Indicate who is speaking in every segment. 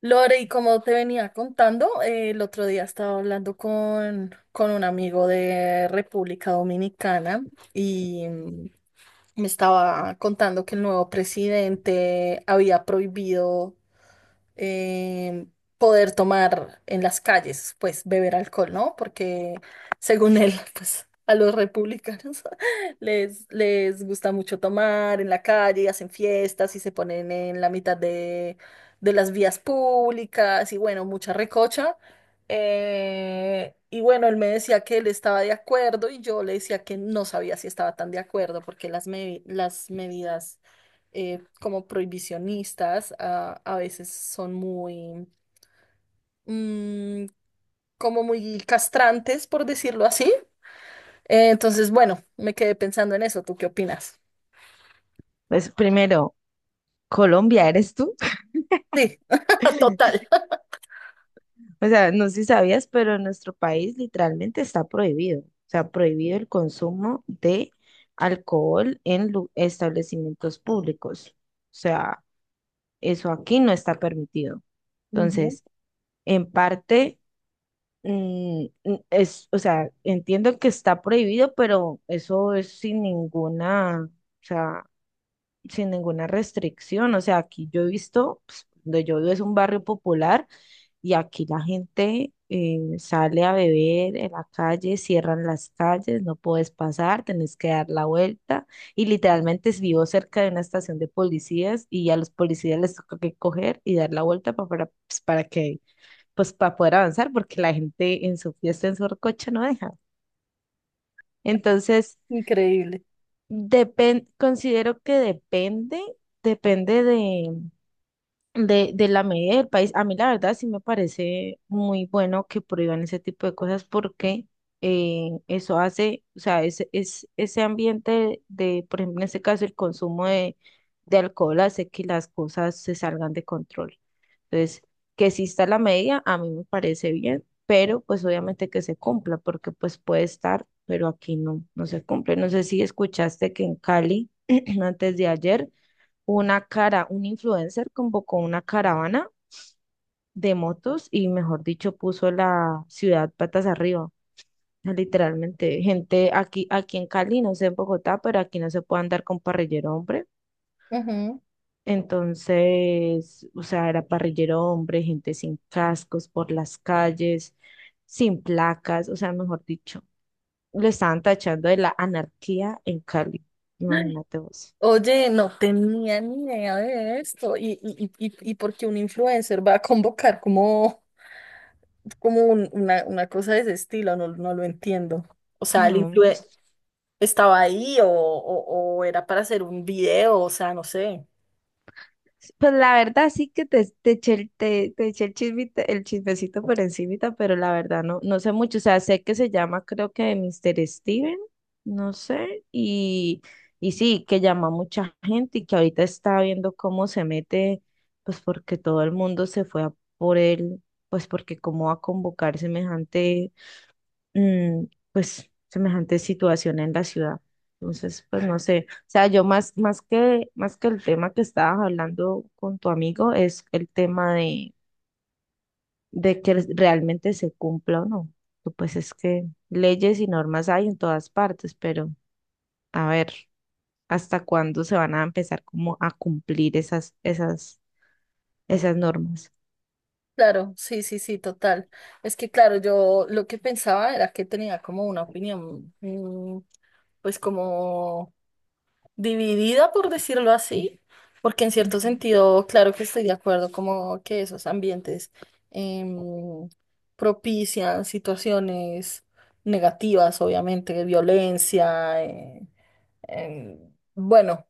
Speaker 1: Lore, y como te venía contando, el otro día estaba hablando con un amigo de República Dominicana y me estaba contando que el nuevo presidente había prohibido eh, poder tomar en las calles, pues beber alcohol, ¿no? Porque según él, pues a los republicanos les gusta mucho tomar en la calle, hacen fiestas y se ponen en la mitad de las vías públicas y bueno, mucha recocha. Y bueno, él me decía que él estaba de acuerdo y yo le decía que no sabía si estaba tan de acuerdo porque las medidas como prohibicionistas a veces son muy, mm, como muy castrantes, por decirlo así. Entonces, bueno, me quedé pensando en eso. ¿Tú qué opinas?
Speaker 2: Pues primero, Colombia, ¿eres tú?
Speaker 1: Sí, total.
Speaker 2: O sea, no sé si sabías, pero en nuestro país literalmente está prohibido. O sea, prohibido el consumo de alcohol en establecimientos públicos. O sea, eso aquí no está permitido.
Speaker 1: Ujú.
Speaker 2: Entonces, en parte, es, o sea, entiendo que está prohibido, pero eso es sin ninguna, o sea, sin ninguna restricción. O sea, aquí yo he visto, pues, donde yo vivo es un barrio popular. Y aquí la gente sale a beber en la calle, cierran las calles, no puedes pasar, tenés que dar la vuelta. Y literalmente vivo cerca de una estación de policías y a los policías les toca que coger y dar la vuelta para, pues, para que, pues, para poder avanzar, porque la gente en su fiesta, en su recocha no deja. Entonces,
Speaker 1: Increíble.
Speaker 2: considero que depende de de la medida del país. A mí la verdad sí me parece muy bueno que prohíban ese tipo de cosas porque eso hace, o sea, ese ambiente de, por ejemplo, en este caso el consumo de alcohol hace que las cosas se salgan de control. Entonces, que exista la medida, a mí me parece bien, pero pues obviamente que se cumpla porque pues puede estar, pero aquí no, no se cumple. No sé si escuchaste que en Cali, antes de ayer, un influencer convocó una caravana de motos y, mejor dicho, puso la ciudad patas arriba. O sea, literalmente, gente aquí, aquí en Cali, no sé en Bogotá, pero aquí no se puede andar con parrillero hombre.
Speaker 1: Ujú.
Speaker 2: Entonces, o sea, era parrillero hombre, gente sin cascos por las calles, sin placas, o sea, mejor dicho, lo estaban tachando de la anarquía en Cali. Imagínate vos.
Speaker 1: Oye, no tenía ni idea de esto. ¿Y por qué un influencer va a convocar como una cosa de ese estilo? No, no lo entiendo. O sea, ¿el
Speaker 2: No,
Speaker 1: influencer
Speaker 2: pues
Speaker 1: estaba ahí o era para hacer un video? O sea, no sé.
Speaker 2: sí, pues la verdad sí que te eché, te, te eché el el chismecito por encimita, pero la verdad no, no sé mucho. O sea, sé que se llama creo que Mr. Steven, no sé, y sí, que llama a mucha gente y que ahorita está viendo cómo se mete, pues porque todo el mundo se fue a por él, pues porque cómo va a convocar semejante, mm, pues, semejante situación en la ciudad. Entonces, pues no sé, o sea, yo más, más que el tema que estabas hablando con tu amigo es el tema de que realmente se cumpla o no. Tú, pues es que leyes y normas hay en todas partes, pero a ver, ¿hasta cuándo se van a empezar como a cumplir esas normas?
Speaker 1: Claro, sí, sí, sí, total. Es que, claro, yo lo que pensaba era que tenía como una opinión, pues como dividida, por decirlo así, porque en cierto
Speaker 2: Ujú.
Speaker 1: sentido, claro que estoy de acuerdo, como que esos ambientes em, propician situaciones negativas, obviamente, violencia, bueno,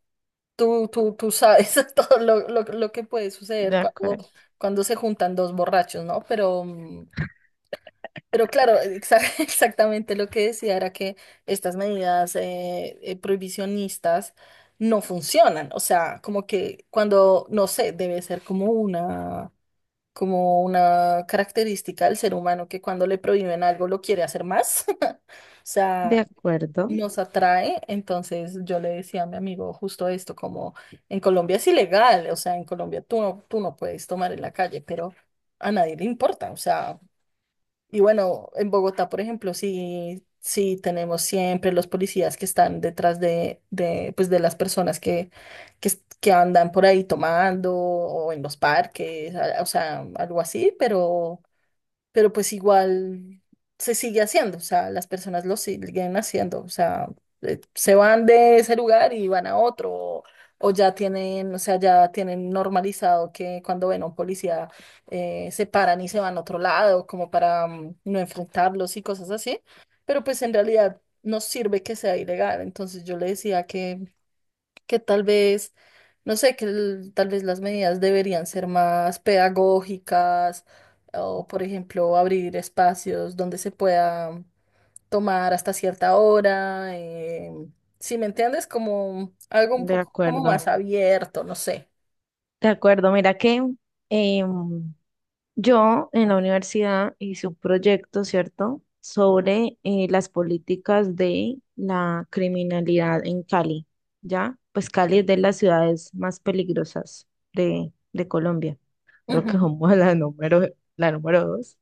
Speaker 1: tú sabes todo lo que puede
Speaker 2: De
Speaker 1: suceder
Speaker 2: acuerdo,
Speaker 1: cuando se juntan dos borrachos, ¿no? Pero claro, exactamente lo que decía era que estas medidas prohibicionistas no funcionan. O sea, como que cuando, no sé, debe ser como una característica del ser humano que cuando le prohíben algo lo quiere hacer más. O
Speaker 2: de
Speaker 1: sea,
Speaker 2: acuerdo.
Speaker 1: nos atrae. Entonces yo le decía a mi amigo justo esto, como en Colombia es ilegal, o sea, en Colombia tú no puedes tomar en la calle, pero a nadie le importa. O sea... Y bueno, en Bogotá, por ejemplo, sí, sí tenemos siempre los policías que están detrás pues de las personas que andan por ahí tomando o en los parques, o sea, algo así, pero pues igual se sigue haciendo, o sea, las personas lo siguen haciendo, o sea, se van de ese lugar y van a otro, o ya tienen, o sea, ya tienen normalizado que cuando ven a un policía se paran y se van a otro lado, como para no enfrentarlos y cosas así, pero pues en realidad no sirve que sea ilegal, entonces yo le decía que tal vez, no sé, tal vez las medidas deberían ser más pedagógicas o, por ejemplo, abrir espacios donde se pueda tomar hasta cierta hora. Si me entiendes, como algo un
Speaker 2: De
Speaker 1: poco como
Speaker 2: acuerdo,
Speaker 1: más abierto, no sé.
Speaker 2: de acuerdo. Mira que em, yo en la universidad hice un proyecto, ¿cierto?, sobre las políticas de la criminalidad en Cali, ¿ya? Pues Cali es de las ciudades más peligrosas de, Colombia. Creo que
Speaker 1: Ujú.
Speaker 2: somos la número 2.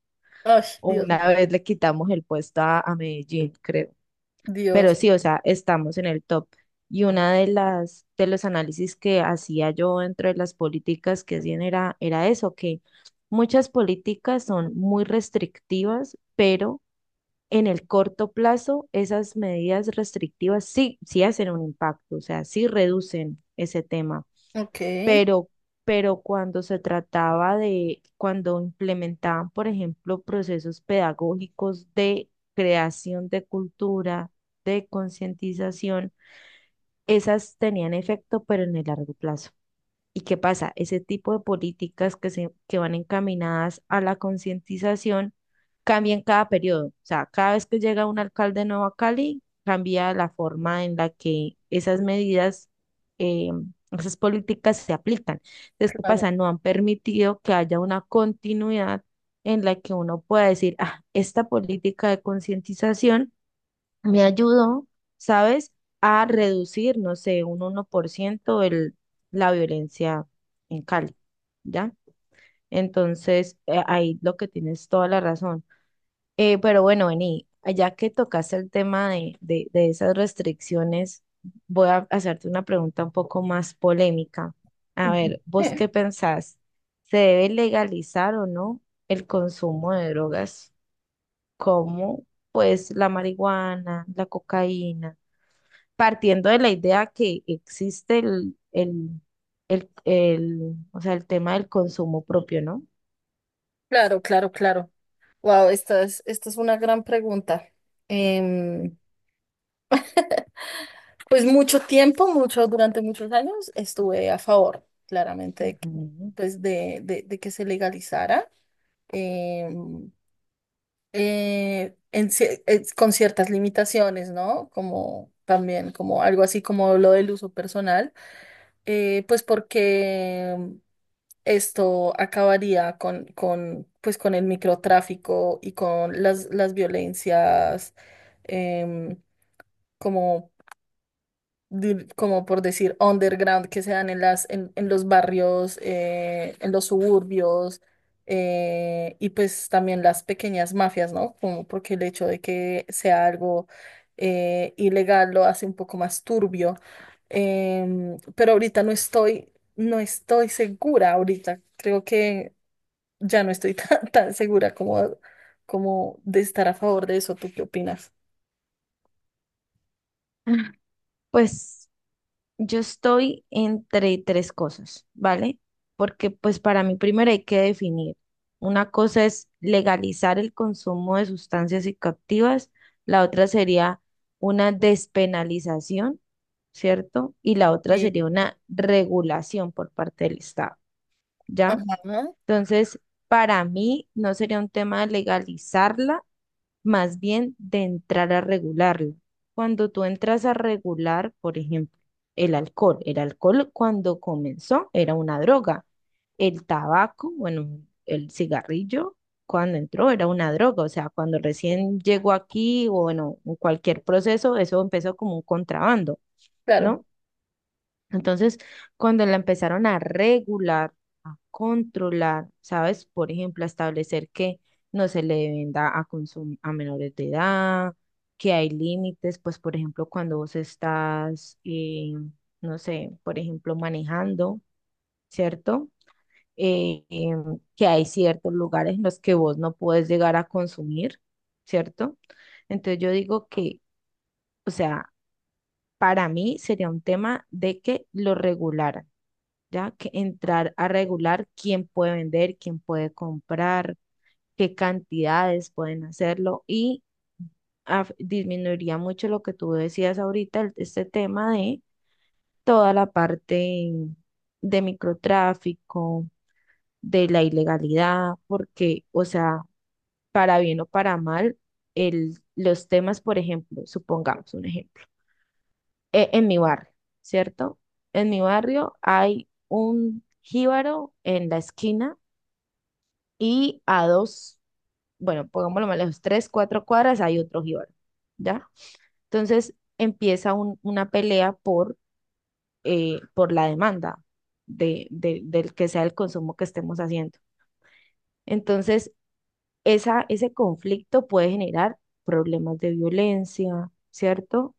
Speaker 1: Ay,
Speaker 2: O
Speaker 1: Dios,
Speaker 2: una vez le quitamos el puesto a, Medellín, creo. Pero
Speaker 1: Dios.
Speaker 2: sí, o sea, estamos en el top. Y una de las de los análisis que hacía yo dentro de las políticas que hacían era eso, que muchas políticas son muy restrictivas, pero en el corto plazo esas medidas restrictivas sí, sí hacen un impacto, o sea, sí reducen ese tema,
Speaker 1: Ok,
Speaker 2: pero, cuando se trataba de, cuando implementaban, por ejemplo, procesos pedagógicos de creación de cultura, de concientización, esas tenían efecto, pero en el largo plazo. ¿Y qué pasa? Ese tipo de políticas que, se, que van encaminadas a la concientización cambian cada periodo. O sea, cada vez que llega un alcalde nuevo a Cali, cambia la forma en la que esas medidas, eh, esas políticas se aplican. Entonces, ¿qué pasa?
Speaker 1: claro.
Speaker 2: No han permitido que haya una continuidad en la que uno pueda decir, ah, esta política de concientización me ayudó, ¿sabes?, a reducir, no sé, un 1% el, la violencia en Cali, ¿ya? Entonces, ahí lo que tienes toda la razón. Pero bueno, Beni, ya que tocaste el tema de, de esas restricciones, voy a hacerte una pregunta un poco más polémica. A
Speaker 1: Ujú.
Speaker 2: ver, ¿vos qué pensás? ¿Se debe legalizar o no el consumo de drogas como, pues, la marihuana, la cocaína? Partiendo de la idea que existe o sea, el tema del consumo propio, ¿no?
Speaker 1: Claro, claro, claro. Wow, esta es una gran pregunta. Em, Pues mucho tiempo, mucho, durante muchos años estuve a favor, claramente,
Speaker 2: Ujú.
Speaker 1: pues de que se legalizara, em, con ciertas limitaciones, ¿no? Como también, como algo así como lo del uso personal, pues porque esto acabaría pues con el microtráfico y con las violencias, em, como como por decir, underground que se dan en en los barrios, en los suburbios, y pues también las pequeñas mafias, ¿no? Como porque el hecho de que sea algo ilegal lo hace un poco más turbio. Pero ahorita no estoy segura ahorita. Creo que ya no estoy tan segura como, como de estar a favor de eso. ¿Tú qué opinas?
Speaker 2: Pues yo estoy entre tres cosas, ¿vale? Porque pues para mí primero hay que definir. Una cosa es legalizar el consumo de sustancias psicoactivas, la otra sería una despenalización, ¿cierto? Y la otra
Speaker 1: Sí.
Speaker 2: sería una regulación por parte del Estado, ¿ya?
Speaker 1: Ajá,
Speaker 2: Entonces, para mí no sería un tema de legalizarla, más bien de entrar a regularlo. Cuando tú entras a regular, por ejemplo, el alcohol cuando comenzó era una droga, el tabaco, bueno, el cigarrillo cuando entró era una droga, o sea, cuando recién llegó aquí o bueno, en cualquier proceso, eso empezó como un contrabando,
Speaker 1: claro,
Speaker 2: ¿no? Entonces, cuando la empezaron a regular, a controlar, ¿sabes? Por ejemplo, a establecer que no se le venda a consum a menores de edad, que hay límites, pues por ejemplo, cuando vos estás, no sé, por ejemplo, manejando, ¿cierto? Que hay ciertos lugares en los que vos no puedes llegar a consumir, ¿cierto? Entonces yo digo que, o sea, para mí sería un tema de que lo regularan ya que entrar a regular quién puede vender, quién puede comprar, qué cantidades pueden hacerlo y disminuiría mucho lo que tú decías ahorita, este tema de toda la parte de microtráfico, de la ilegalidad, porque, o sea, para bien o para mal, los temas, por ejemplo, supongamos un ejemplo, en mi barrio, ¿cierto? En mi barrio hay un jíbaro en la esquina y a dos, bueno, pongámoslo mal, a los tres, cuatro cuadras hay otro jíbaro, ¿ya? Entonces empieza una pelea por la demanda de, del que sea el consumo que estemos haciendo. Entonces, esa, ese conflicto puede generar problemas de violencia, ¿cierto?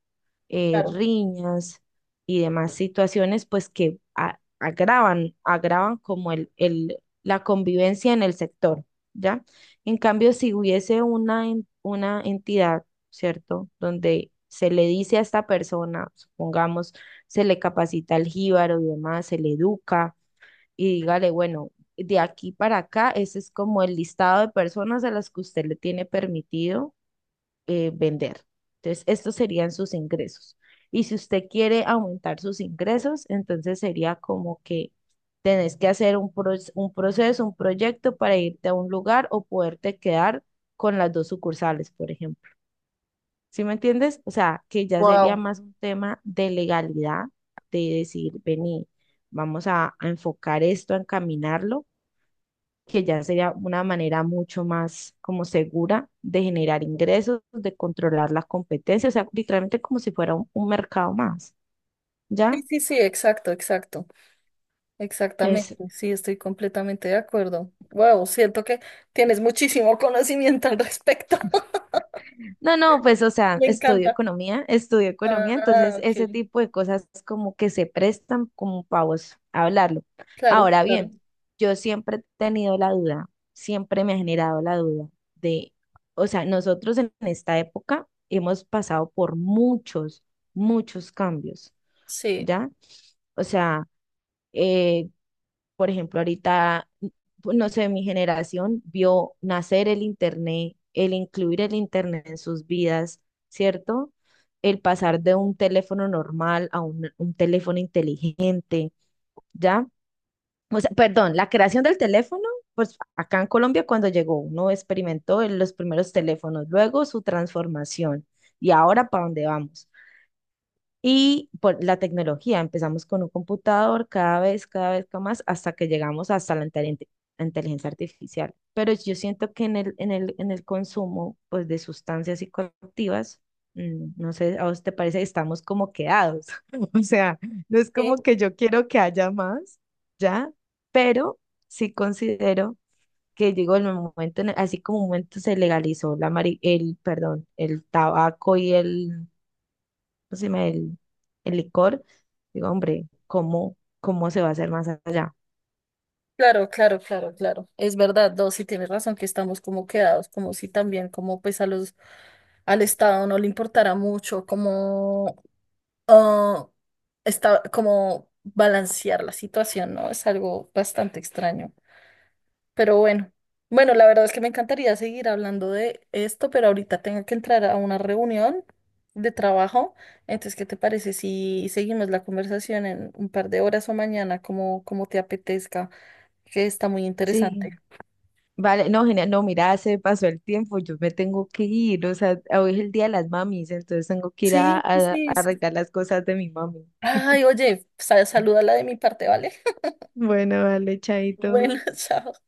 Speaker 2: Eh,
Speaker 1: claro.
Speaker 2: riñas y demás situaciones, pues que agravan como la convivencia en el sector, ¿ya? En cambio, si hubiese una entidad, ¿cierto? Donde se le dice a esta persona, supongamos, se le capacita el jíbaro y demás, se le educa y dígale, bueno, de aquí para acá, ese es como el listado de personas a las que usted le tiene permitido vender. Entonces, estos serían sus ingresos. Y si usted quiere aumentar sus ingresos, entonces sería como que tenés que hacer un proceso, un proyecto para irte a un lugar o poderte quedar con las dos sucursales, por ejemplo. ¿Sí me entiendes? O sea, que ya sería
Speaker 1: Wow.
Speaker 2: más un tema de legalidad, de decir, vení, vamos a, enfocar esto, a encaminarlo que ya sería una manera mucho más como segura de generar ingresos, de controlar las competencias, o sea, literalmente como si fuera un mercado más,
Speaker 1: Sí,
Speaker 2: ¿ya?
Speaker 1: sí, sí, exacto, exacto, exactamente.
Speaker 2: Es,
Speaker 1: Sí, estoy completamente de acuerdo. Wow, siento que tienes muchísimo conocimiento al respecto.
Speaker 2: no, no, pues, o sea,
Speaker 1: Me encanta.
Speaker 2: estudio economía,
Speaker 1: Ah,
Speaker 2: entonces ese
Speaker 1: ok.
Speaker 2: tipo de cosas como que se prestan como para vos hablarlo.
Speaker 1: Claro,
Speaker 2: Ahora
Speaker 1: claro.
Speaker 2: bien, yo siempre he tenido la duda, siempre me ha generado la duda de, o sea, nosotros en esta época hemos pasado por muchos, muchos cambios.
Speaker 1: Sí,
Speaker 2: ¿Ya? O sea, eh, por ejemplo, ahorita, pues, no sé, mi generación vio nacer el Internet, el incluir el Internet en sus vidas, ¿cierto? El pasar de un teléfono normal a un teléfono inteligente, ¿ya? O sea, perdón, la creación del teléfono, pues acá en Colombia cuando llegó uno experimentó en los primeros teléfonos, luego su transformación y ahora para dónde vamos. Y por la tecnología, empezamos con un computador cada vez con más, hasta que llegamos hasta la inteligencia artificial. Pero yo siento que en el consumo, pues, de sustancias psicoactivas, mm, no sé, ¿a vos te parece? Estamos como quedados. O sea, no es como
Speaker 1: sí.
Speaker 2: que yo quiero que haya más, ¿ya? Pero sí considero que, digo, en el momento, así como un momento se legalizó el, perdón, el tabaco y el, pues, el licor, digo, hombre, ¿cómo se va a hacer más allá?
Speaker 1: Claro, claro, claro, claro. Es verdad, dos, sí tienes razón que estamos como quedados, como si también como pues a los al Estado no le importara mucho como ah, como balancear la situación, ¿no? Es algo bastante extraño. Pero bueno, bueno, la verdad es que me encantaría seguir hablando de esto, pero ahorita tengo que entrar a una reunión de trabajo. Entonces, ¿qué te parece si seguimos la conversación en un par de horas o mañana, como te apetezca? Que está muy
Speaker 2: Sí,
Speaker 1: interesante.
Speaker 2: vale, no, genial, no, mira, se pasó el tiempo, yo me tengo que ir, o sea, hoy es el día de las mamis, entonces tengo que ir a,
Speaker 1: Sí, sí, sí.
Speaker 2: arreglar las cosas de mi mami.
Speaker 1: Ay, oye, salúdala de mi parte, ¿vale?
Speaker 2: Bueno, vale, chaito.
Speaker 1: Bueno, chao.